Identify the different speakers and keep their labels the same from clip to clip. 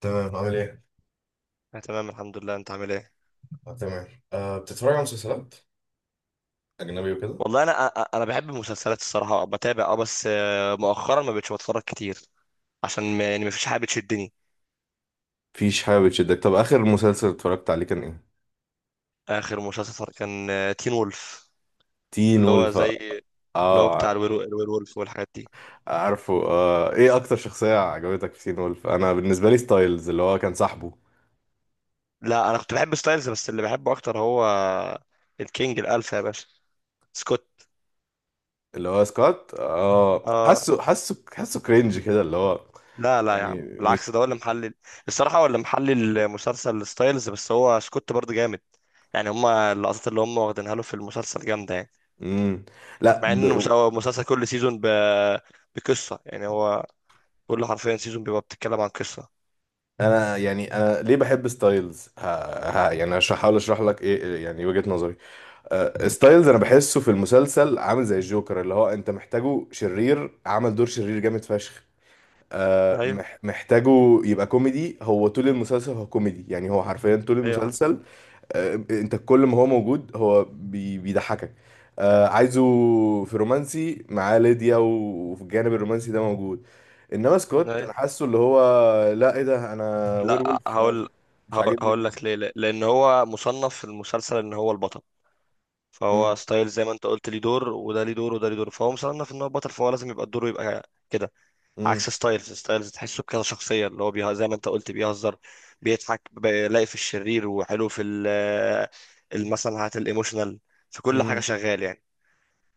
Speaker 1: تمام عامل ايه؟
Speaker 2: أنا تمام الحمد لله، أنت عامل إيه؟
Speaker 1: آه، تمام. أه بتتفرج على مسلسلات أجنبي وكده؟
Speaker 2: والله أنا أنا بحب المسلسلات، الصراحة بتابع. أه بس آه، مؤخرا ما بقتش بتفرج كتير، عشان ما، يعني، ما فيش حاجة بتشدني.
Speaker 1: مفيش حاجة بتشدك، طب آخر مسلسل اتفرجت عليه كان ايه؟
Speaker 2: آخر مسلسل كان تين وولف،
Speaker 1: تين
Speaker 2: اللي هو
Speaker 1: وولف.
Speaker 2: زي اللي هو
Speaker 1: اه
Speaker 2: بتاع
Speaker 1: ع-
Speaker 2: الوير وولف والحاجات دي.
Speaker 1: عارفه آه. ايه أكتر شخصية عجبتك في تين وولف؟ أنا بالنسبة لي ستايلز اللي هو كان صاحبه.
Speaker 2: لا، أنا كنت بحب ستايلز، بس اللي بحبه أكتر هو الكينج الألفا يا باشا، سكوت.
Speaker 1: اللي هو سكوت، اه
Speaker 2: آه.
Speaker 1: حاسه حاسه كرينج كده، اللي هو
Speaker 2: لا لا يا
Speaker 1: يعني
Speaker 2: عم،
Speaker 1: مش.
Speaker 2: بالعكس، ده هو اللي محلل. الصراحة هو اللي محلل المسلسل ستايلز، بس هو سكوت برضه جامد، يعني هما اللقطات اللي هما واخدينها له في المسلسل جامدة يعني.
Speaker 1: مم. لا
Speaker 2: مع
Speaker 1: ب...
Speaker 2: ان هو المسلسل كل سيزون بقصه، يعني هو كل، حرفيا، سيزون بيبقى بتتكلم عن قصه.
Speaker 1: أنا يعني، أنا ليه بحب ستايلز؟ يعني هحاول أشرح لك إيه يعني وجهة نظري. ستايلز انا بحسه في المسلسل عامل زي الجوكر، اللي هو انت محتاجه شرير، عمل دور شرير جامد فشخ.
Speaker 2: ايوه.
Speaker 1: محتاجه يبقى كوميدي، هو طول المسلسل هو كوميدي، يعني هو حرفيا طول
Speaker 2: ايوه حسن.
Speaker 1: المسلسل. انت كل ما هو موجود هو بيضحكك. عايزه في رومانسي معاه ليديا، وفي الجانب الرومانسي ده موجود. انما سكوت
Speaker 2: ايوه.
Speaker 1: انا حاسه اللي هو، لا ايه ده انا وير
Speaker 2: لا،
Speaker 1: وولف، انا مش
Speaker 2: هقول.
Speaker 1: مش
Speaker 2: هقول
Speaker 1: عاجبني
Speaker 2: هقول
Speaker 1: الموضوع.
Speaker 2: لك ليه. لان هو مصنف في المسلسل ان هو البطل،
Speaker 1: مم،
Speaker 2: فهو ستايل زي ما انت قلت ليه دور، وده ليه دور، وده ليه دور، فهو مصنف ان هو بطل، فهو لازم يبقى الدور يبقى كده.
Speaker 1: مم،
Speaker 2: عكس ستايلز. ستايلز تحسه كده شخصيه اللي هو زي ما انت قلت بيهزر، بيضحك، بيلاقي في الشرير، وحلو في مثلا هات الايموشنال، في كل حاجه
Speaker 1: مم.
Speaker 2: شغال يعني.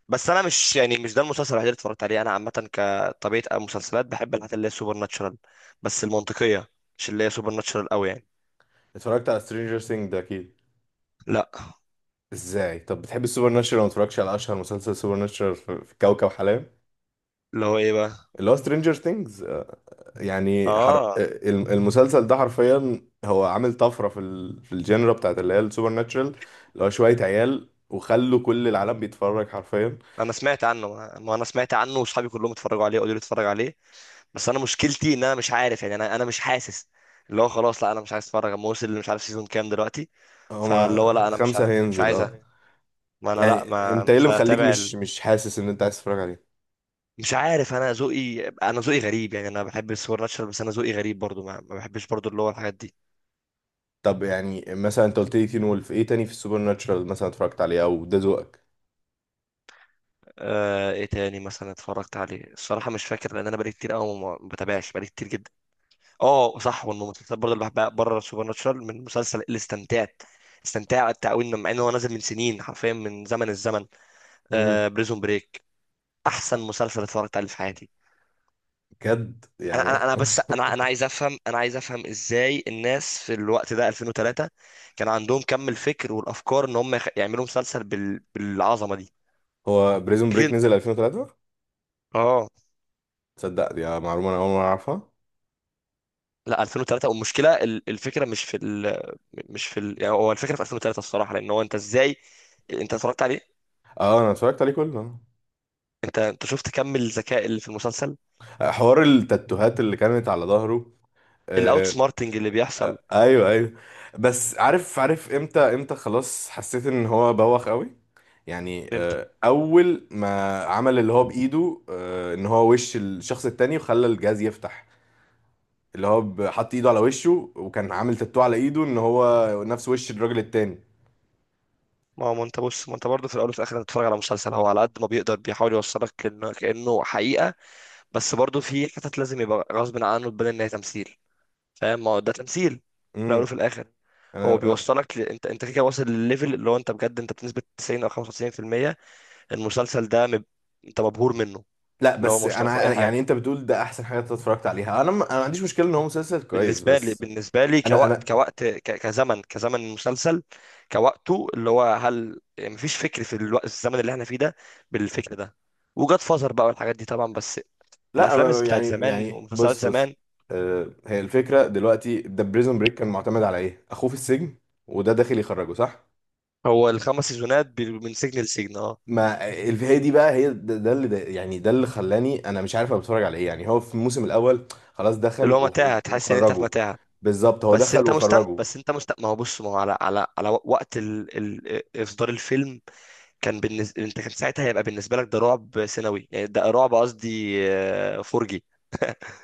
Speaker 2: بس انا مش، يعني، مش ده المسلسل الوحيد اللي اتفرجت عليه. انا عامه كطبيعه المسلسلات بحب الحاجات اللي هي سوبر ناتشرال، بس المنطقيه، مش اللي هي سوبر ناتشرال قوي يعني.
Speaker 1: اتفرجت على سترينجر سينج ده اكيد؟
Speaker 2: لا.
Speaker 1: ازاي طب بتحب السوبر ناتشرال ما اتفرجتش على اشهر مسلسل سوبر ناتشرال في في كوكب حلال،
Speaker 2: اللي هو ايه بقى؟
Speaker 1: اللي هو سترينجر ثينجز؟ يعني آه،
Speaker 2: اه.
Speaker 1: المسلسل ده حرفيا هو عامل طفره في في الجنرا بتاعت اللي هي السوبر ناتشرال، اللي هو شويه
Speaker 2: م-
Speaker 1: عيال وخلوا كل العالم بيتفرج حرفيا.
Speaker 2: انا سمعت عنه، ما انا سمعت عنه واصحابي كلهم اتفرجوا عليه، قالوا لي اتفرج عليه، بس انا مشكلتي ان انا مش عارف، يعني انا، مش حاسس. اللي هو خلاص، لا انا مش عايز اتفرج، اما وصل اللي مش عارف سيزون كام دلوقتي. فاللي هو
Speaker 1: هما
Speaker 2: لا، انا
Speaker 1: 5
Speaker 2: مش
Speaker 1: هينزل
Speaker 2: عايز.
Speaker 1: اه.
Speaker 2: ما انا لا،
Speaker 1: يعني
Speaker 2: ما
Speaker 1: انت ايه اللي
Speaker 2: مش
Speaker 1: مخليك
Speaker 2: هتابع.
Speaker 1: مش حاسس ان انت عايز تتفرج عليه؟
Speaker 2: مش عارف، انا ذوقي، غريب يعني، انا بحب السوبر ناتشرال، بس انا ذوقي غريب برضو، ما بحبش برضو اللي هو الحاجات دي.
Speaker 1: طب يعني مثلا انت قلت لي تين وولف، ايه تاني في السوبر ناتشرال مثلا اتفرجت عليه او ده ذوقك؟
Speaker 2: ايه تاني مثلا اتفرجت عليه؟ الصراحه مش فاكر، لان انا بقالي كتير قوي ما بتابعش، بقالي كتير جدا. اه صح. والمسلسلات برضو اللي بحبها بره السوبر ناتشرال، من مسلسل اللي استمتعت قوي، مع ان هو نازل من سنين، حرفيا من زمن الزمن،
Speaker 1: امم.
Speaker 2: بريزون بريك. احسن مسلسل اتفرجت عليه في حياتي.
Speaker 1: بجد
Speaker 2: انا انا
Speaker 1: يعني؟
Speaker 2: أنا بس انا انا عايز افهم. ازاي الناس في الوقت ده 2003 كان عندهم كم الفكر والافكار ان هم يعملوا مسلسل بالعظمه دي.
Speaker 1: هو بريزون
Speaker 2: اكيد.
Speaker 1: بريك نزل 2003؟
Speaker 2: اه.
Speaker 1: تصدق دي معلومة انا اول مرة اعرفها.
Speaker 2: لا، 2003. والمشكله الفكره مش في ال... مش في ال... يعني هو الفكره في 2003 الصراحه، لان هو انت ازاي؟ انت اتفرجت عليه؟
Speaker 1: اه انا اتفرجت عليه كله.
Speaker 2: انت شفت كم الذكاء اللي في المسلسل،
Speaker 1: آه، حوار التاتوهات اللي كانت على ظهره.
Speaker 2: الاوت
Speaker 1: آه.
Speaker 2: سمارتنج اللي بيحصل.
Speaker 1: ايوه ايوه. بس عارف عارف امتى خلاص حسيت ان هو بوخ قوي؟ يعني
Speaker 2: فهمت؟
Speaker 1: آه، اول ما عمل اللي هو بايده، آه ان هو وش الشخص التاني وخلى الجهاز يفتح، اللي هو حط ايده على وشه وكان عامل تاتو على ايده ان هو نفس وش الراجل التاني.
Speaker 2: ما هو، ما انت بص، ما انت برضه في الاول وفي الاخر انت بتتفرج على مسلسل، هو على قد ما بيقدر بيحاول يوصلك كأنه حقيقة، بس برضه في حتت لازم يبقى غصب عنه تبان ان هي تمثيل. فاهم؟ ما هو ده تمثيل في الاول وفي
Speaker 1: امم.
Speaker 2: الاخر. هو
Speaker 1: انا
Speaker 2: انت كده واصل لليفل اللي هو انت بجد انت بنسبة 90 او 95%. المسلسل ده انت مبهور منه.
Speaker 1: لا
Speaker 2: اللي
Speaker 1: بس
Speaker 2: هو مش ناقصه اي حاجة
Speaker 1: يعني انت بتقول ده احسن حاجه انت اتفرجت عليها، انا ما عنديش مشكله ان هو مسلسل كويس
Speaker 2: بالنسبه لي.
Speaker 1: بس.
Speaker 2: بالنسبه لي
Speaker 1: انا
Speaker 2: كوقت،
Speaker 1: انا
Speaker 2: كزمن المسلسل، كوقته، اللي هو هل يعني مفيش فكر في الوقت الزمن اللي احنا فيه ده بالفكر ده، وجاد فازر بقى والحاجات دي طبعا، بس
Speaker 1: لا
Speaker 2: الافلام
Speaker 1: أنا
Speaker 2: بتاعت
Speaker 1: يعني
Speaker 2: زمان
Speaker 1: يعني
Speaker 2: ومسلسلات
Speaker 1: بص.
Speaker 2: زمان.
Speaker 1: آه، هي الفكره دلوقتي ده بريزون بريك كان معتمد على ايه؟ اخوه في السجن وده داخل يخرجه صح؟
Speaker 2: هو الخمس سيزونات من سجن لسجن، اه.
Speaker 1: ما الفي دي بقى، هي ده يعني ده اللي خلاني انا مش عارف انا بتفرج على ايه، يعني هو في الموسم الاول خلاص
Speaker 2: اللي
Speaker 1: دخل
Speaker 2: هو متاهه، تحس ان انت في
Speaker 1: وخرجه.
Speaker 2: متاهه،
Speaker 1: بالظبط، هو
Speaker 2: بس
Speaker 1: دخل
Speaker 2: انت مستمتع.
Speaker 1: وخرجه.
Speaker 2: بس انت مستمتع، ما هو بص، ما هو على، على وقت اصدار الفيلم، كان بالنسبه انت كان ساعتها هيبقى بالنسبه لك ده رعب سنوي، يعني ده رعب قصدي فرجي،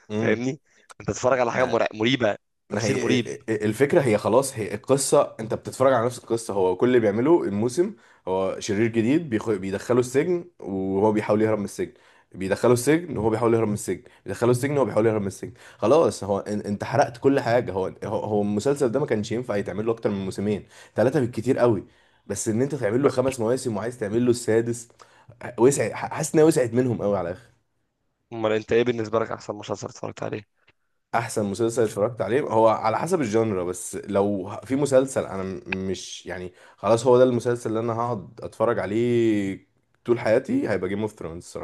Speaker 1: امم.
Speaker 2: فاهمني؟ انت تتفرج على حاجه مريبه،
Speaker 1: ما
Speaker 2: تمثيل
Speaker 1: هي
Speaker 2: مريب.
Speaker 1: الفكرة هي خلاص، هي القصة، انت بتتفرج على نفس القصة، هو كل اللي بيعمله الموسم هو شرير جديد بيدخله السجن وهو بيحاول يهرب من السجن، بيدخله السجن وهو بيحاول يهرب من السجن، بيدخله السجن وهو بيحاول يهرب من السجن. خلاص هو انت حرقت كل حاجة، هو المسلسل ده ما كانش ينفع يتعمل له اكتر من موسمين، 3 بالكتير قوي. بس ان انت تعمل له
Speaker 2: ب-
Speaker 1: 5 مواسم وعايز تعمل له السادس، وسع، حاسس انها وسعت منهم قوي على الاخر.
Speaker 2: امال انت ايه بالنسبه لك احسن مسلسل اتفرجت عليه؟
Speaker 1: احسن مسلسل اتفرجت عليه هو على حسب الجانرا، بس لو في مسلسل مش يعني خلاص هو ده المسلسل اللي انا هقعد اتفرج عليه طول حياتي، هيبقى جيم اوف ثرونز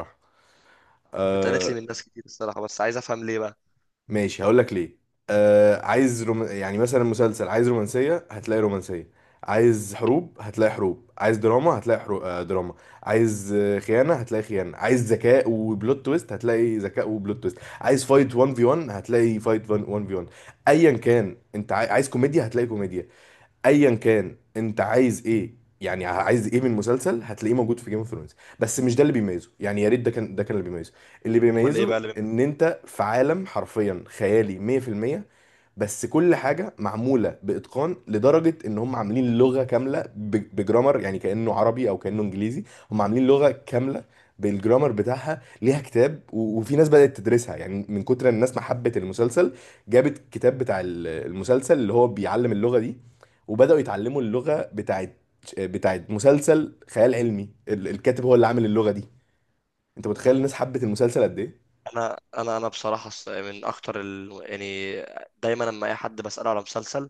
Speaker 2: اتقالت لي من
Speaker 1: الصراحه.
Speaker 2: ناس كتير الصراحه، بس عايز افهم ليه بقى.
Speaker 1: ماشي هقول لك ليه. آه، عايز يعني مثلا مسلسل، عايز رومانسية هتلاقي رومانسية، عايز حروب هتلاقي حروب، عايز دراما هتلاقي آه دراما، عايز آه، خيانة هتلاقي خيانة، عايز ذكاء وبلوت تويست هتلاقي ذكاء وبلوت تويست، عايز فايت 1 في 1 هتلاقي فايت 1 في 1، ايا كان انت عايز كوميديا هتلاقي كوميديا، ايا كان انت عايز ايه. يعني عايز ايه من مسلسل هتلاقيه موجود في جيم اوف ثرونز. بس مش ده اللي بيميزه، يعني يا ريت ده كان اللي بيميزه. اللي
Speaker 2: امال ايه
Speaker 1: بيميزه
Speaker 2: بقى اللي؟
Speaker 1: ان انت في عالم حرفيا خيالي 100%، بس كل حاجه معموله باتقان لدرجه ان هم عاملين لغه كامله بجرامر، يعني كانه عربي او كانه انجليزي، هم عاملين لغه كامله بالجرامر بتاعها، ليها كتاب، وفي ناس بدات تدرسها، يعني من كتر الناس ما حبت المسلسل جابت كتاب بتاع المسلسل اللي هو بيعلم اللغه دي، وبداوا يتعلموا اللغه بتاعت مسلسل خيال علمي، الكاتب هو اللي عامل اللغه دي. انت متخيل
Speaker 2: مم.
Speaker 1: الناس حبت المسلسل قد ايه؟
Speaker 2: انا، بصراحه من اكتر يعني دايما لما اي حد بساله على مسلسل،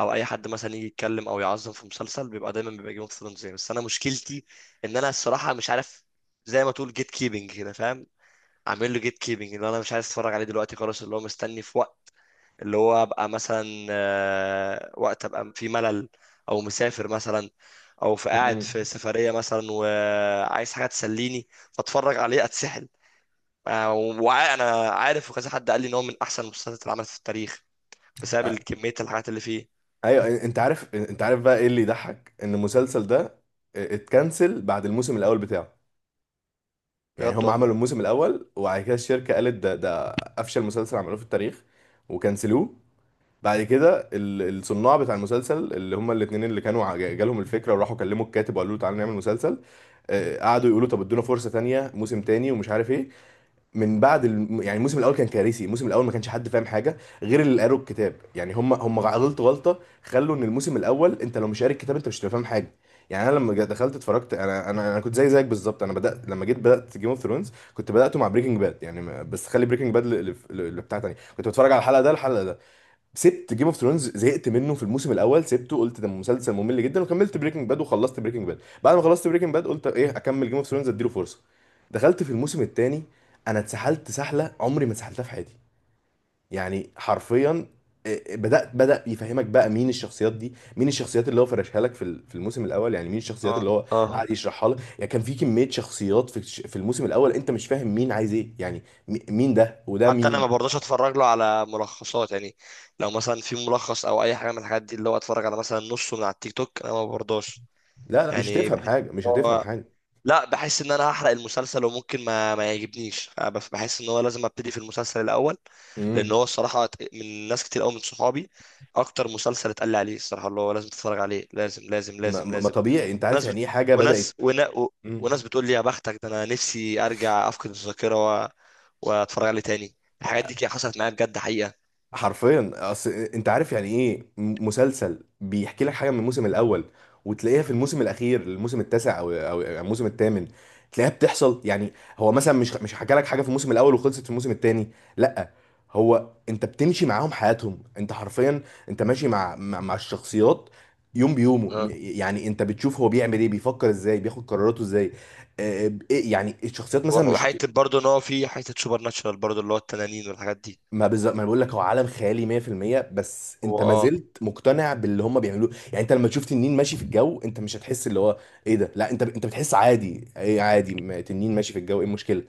Speaker 2: او اي حد مثلا يجي يتكلم او يعظم في مسلسل، بيبقى دايما بيبقى جيم اوف ثرونز، بس انا مشكلتي ان انا الصراحه مش عارف، زي ما تقول جيت كيبنج كده، فاهم؟ عامل له جيت كيبنج، اللي انا مش عايز اتفرج عليه دلوقتي خلاص، اللي هو مستني في وقت، اللي هو ابقى مثلا وقت ابقى في ملل، او مسافر مثلا، او في قاعد
Speaker 1: مم.
Speaker 2: في سفريه مثلا وعايز حاجه تسليني فاتفرج عليه اتسحل. وانا عارف، وكذا حد قال لي ان هو من احسن المسلسلات اللي عملت في التاريخ، بسبب كميه الحاجات اللي فيه.
Speaker 1: ايوه، انت عارف بقى ايه اللي يضحك؟ ان المسلسل ده اتكنسل بعد الموسم الاول بتاعه. يعني
Speaker 2: بجد
Speaker 1: هم عملوا
Speaker 2: والله.
Speaker 1: الموسم الاول وبعد كده الشركه قالت ده افشل مسلسل عملوه في التاريخ وكنسلوه. بعد كده الصناع بتاع المسلسل اللي هم الاتنين اللي كانوا جالهم الفكره وراحوا كلموا الكاتب وقالوا له تعالى نعمل مسلسل. آه، قعدوا
Speaker 2: مم.
Speaker 1: يقولوا طب ادونا فرصه تانية موسم تاني ومش عارف ايه. من بعد يعني الموسم الاول كان كارثي، الموسم الاول ما كانش حد فاهم حاجه غير اللي قروا الكتاب، يعني هم غلطت غلطه خلوا ان الموسم الاول انت لو مش قاري الكتاب انت مش هتبقى فاهم حاجه. يعني انا لما دخلت اتفرجت، انا كنت زي زيك بالظبط، انا بدات لما جيت بدات جيم اوف ثرونز كنت بداته مع بريكنج باد، يعني بس خلي بريكنج باد اللي بتاع تاني، كنت بتفرج على الحلقه ده الحلقه ده، سبت جيم اوف ثرونز زهقت منه في الموسم الاول، سبته قلت ده مسلسل ممل جدا وكملت بريكنج باد، وخلصت بريكنج باد، بعد ما خلصت بريكنج باد قلت ايه اكمل جيم اوف ثرونز اديله فرصه. دخلت في الموسم الثاني، انا اتسحلت سحله عمري ما اتسحلتها في حياتي يعني حرفيا. إيه، بدات بدا يفهمك بقى مين الشخصيات دي، مين الشخصيات اللي هو فرشها لك في في الموسم الاول، يعني مين الشخصيات
Speaker 2: اه.
Speaker 1: اللي هو
Speaker 2: اه.
Speaker 1: قاعد يشرحها لك. يعني كان في كميه شخصيات في في الموسم الاول انت مش فاهم مين عايز ايه، يعني مين ده وده
Speaker 2: حتى انا ما
Speaker 1: مين.
Speaker 2: برضاش اتفرج له على ملخصات، يعني لو مثلا في ملخص او اي حاجه من الحاجات دي اللي هو اتفرج على مثلا نصه من على التيك توك، انا ما برضاش،
Speaker 1: لا لا مش
Speaker 2: يعني
Speaker 1: تفهم
Speaker 2: بحس،
Speaker 1: حاجه، مش هتفهم حاجه.
Speaker 2: لا بحس ان انا هحرق المسلسل وممكن ما يعجبنيش. أنا بحس ان هو لازم ابتدي في المسلسل الاول، لان
Speaker 1: مم.
Speaker 2: هو الصراحه من ناس كتير قوي من صحابي، اكتر مسلسل اتقال لي عليه الصراحه اللي هو لازم تتفرج عليه، لازم لازم
Speaker 1: ما,
Speaker 2: لازم
Speaker 1: ما
Speaker 2: لازم.
Speaker 1: طبيعي، انت عارف
Speaker 2: ناس بت...
Speaker 1: يعني ايه حاجه
Speaker 2: وناس
Speaker 1: بدات؟
Speaker 2: ونا... و...
Speaker 1: مم.
Speaker 2: وناس بتقول لي يا بختك، ده انا نفسي ارجع افقد الذاكره واتفرج عليه تاني. الحاجات دي كده حصلت معايا بجد حقيقه.
Speaker 1: حرفيا، اصل انت عارف يعني ايه مسلسل بيحكي لك حاجه من الموسم الاول وتلاقيها في الموسم الاخير، الموسم التاسع او يعني الموسم الثامن، تلاقيها بتحصل يعني. هو مثلا مش حكى لك حاجه في الموسم الاول وخلصت في الموسم الثاني، لا، هو انت بتمشي معاهم حياتهم انت حرفيا، انت ماشي مع الشخصيات يوم بيومه،
Speaker 2: اه.
Speaker 1: يعني انت بتشوف هو بيعمل ايه، بيفكر ازاي، بياخد قراراته ازاي. آه، يعني الشخصيات مثلا مش.
Speaker 2: وحته برضه ان هو في حته سوبر ناتشرال برضه اللي هو التنانين والحاجات دي.
Speaker 1: ما بالظبط، ما انا بقول لك هو عالم خيالي 100% بس انت
Speaker 2: هو.
Speaker 1: ما
Speaker 2: اه.
Speaker 1: زلت مقتنع باللي هم بيعملوه، يعني انت لما تشوف تنين ماشي في الجو انت مش هتحس اللي هو ايه ده، لا انت انت بتحس عادي، ايه عادي، ما تنين ماشي في الجو ايه المشكله،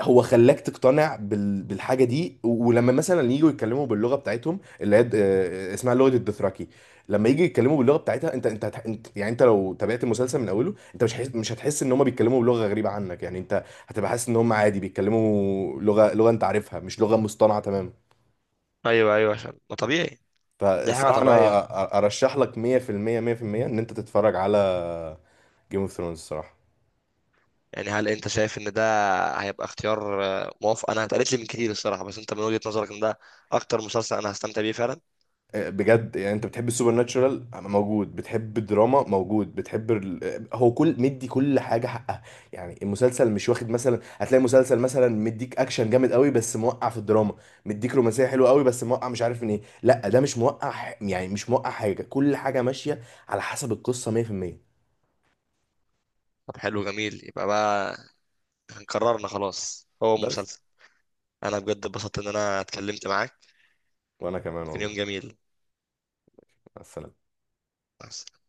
Speaker 1: هو خلاك تقتنع بالحاجه دي. ولما مثلا يجوا يتكلموا باللغه بتاعتهم، اللي هي اسمها لغه الدوثراكي، لما يجي يتكلموا باللغه بتاعتها، انت يعني انت لو تابعت المسلسل من اوله انت مش هتحس، مش هتحس ان هم بيتكلموا بلغه غريبه عنك، يعني انت هتبقى حاسس ان هم عادي بيتكلموا لغه، انت عارفها، مش لغه مصطنعه تماما.
Speaker 2: ايوه ايوه، عشان ما طبيعي، دي حاجه
Speaker 1: فالصراحة
Speaker 2: طبيعيه.
Speaker 1: أنا أرشح لك 100% 100% إن أنت تتفرج على جيم اوف ثرونز الصراحة.
Speaker 2: يعني هل انت شايف ان ده هيبقى اختيار موافق؟ انا اتقالت لي من كتير الصراحه، بس انت من وجهة نظرك ان ده اكتر مسلسل انا هستمتع بيه فعلا؟
Speaker 1: أه، بجد يعني، أنت بتحب السوبر ناتشورال موجود، بتحب الدراما موجود، بتحب هو كل مدي كل حاجة حقها. يعني المسلسل مش واخد مثلا، هتلاقي مسلسل مثلا مديك أكشن جامد قوي بس موقع في الدراما، مديك رومانسية حلوة قوي بس موقع مش عارف من إيه، لا ده مش موقع يعني مش موقع حاجة، كل حاجة ماشية على حسب القصة 100%.
Speaker 2: طب حلو جميل، يبقى بقى قررنا خلاص هو
Speaker 1: بس.
Speaker 2: المسلسل. انا بجد اتبسطت ان انا اتكلمت معاك،
Speaker 1: وأنا كمان
Speaker 2: كان يوم
Speaker 1: والله.
Speaker 2: جميل.
Speaker 1: مع السلامة.
Speaker 2: مع السلامة.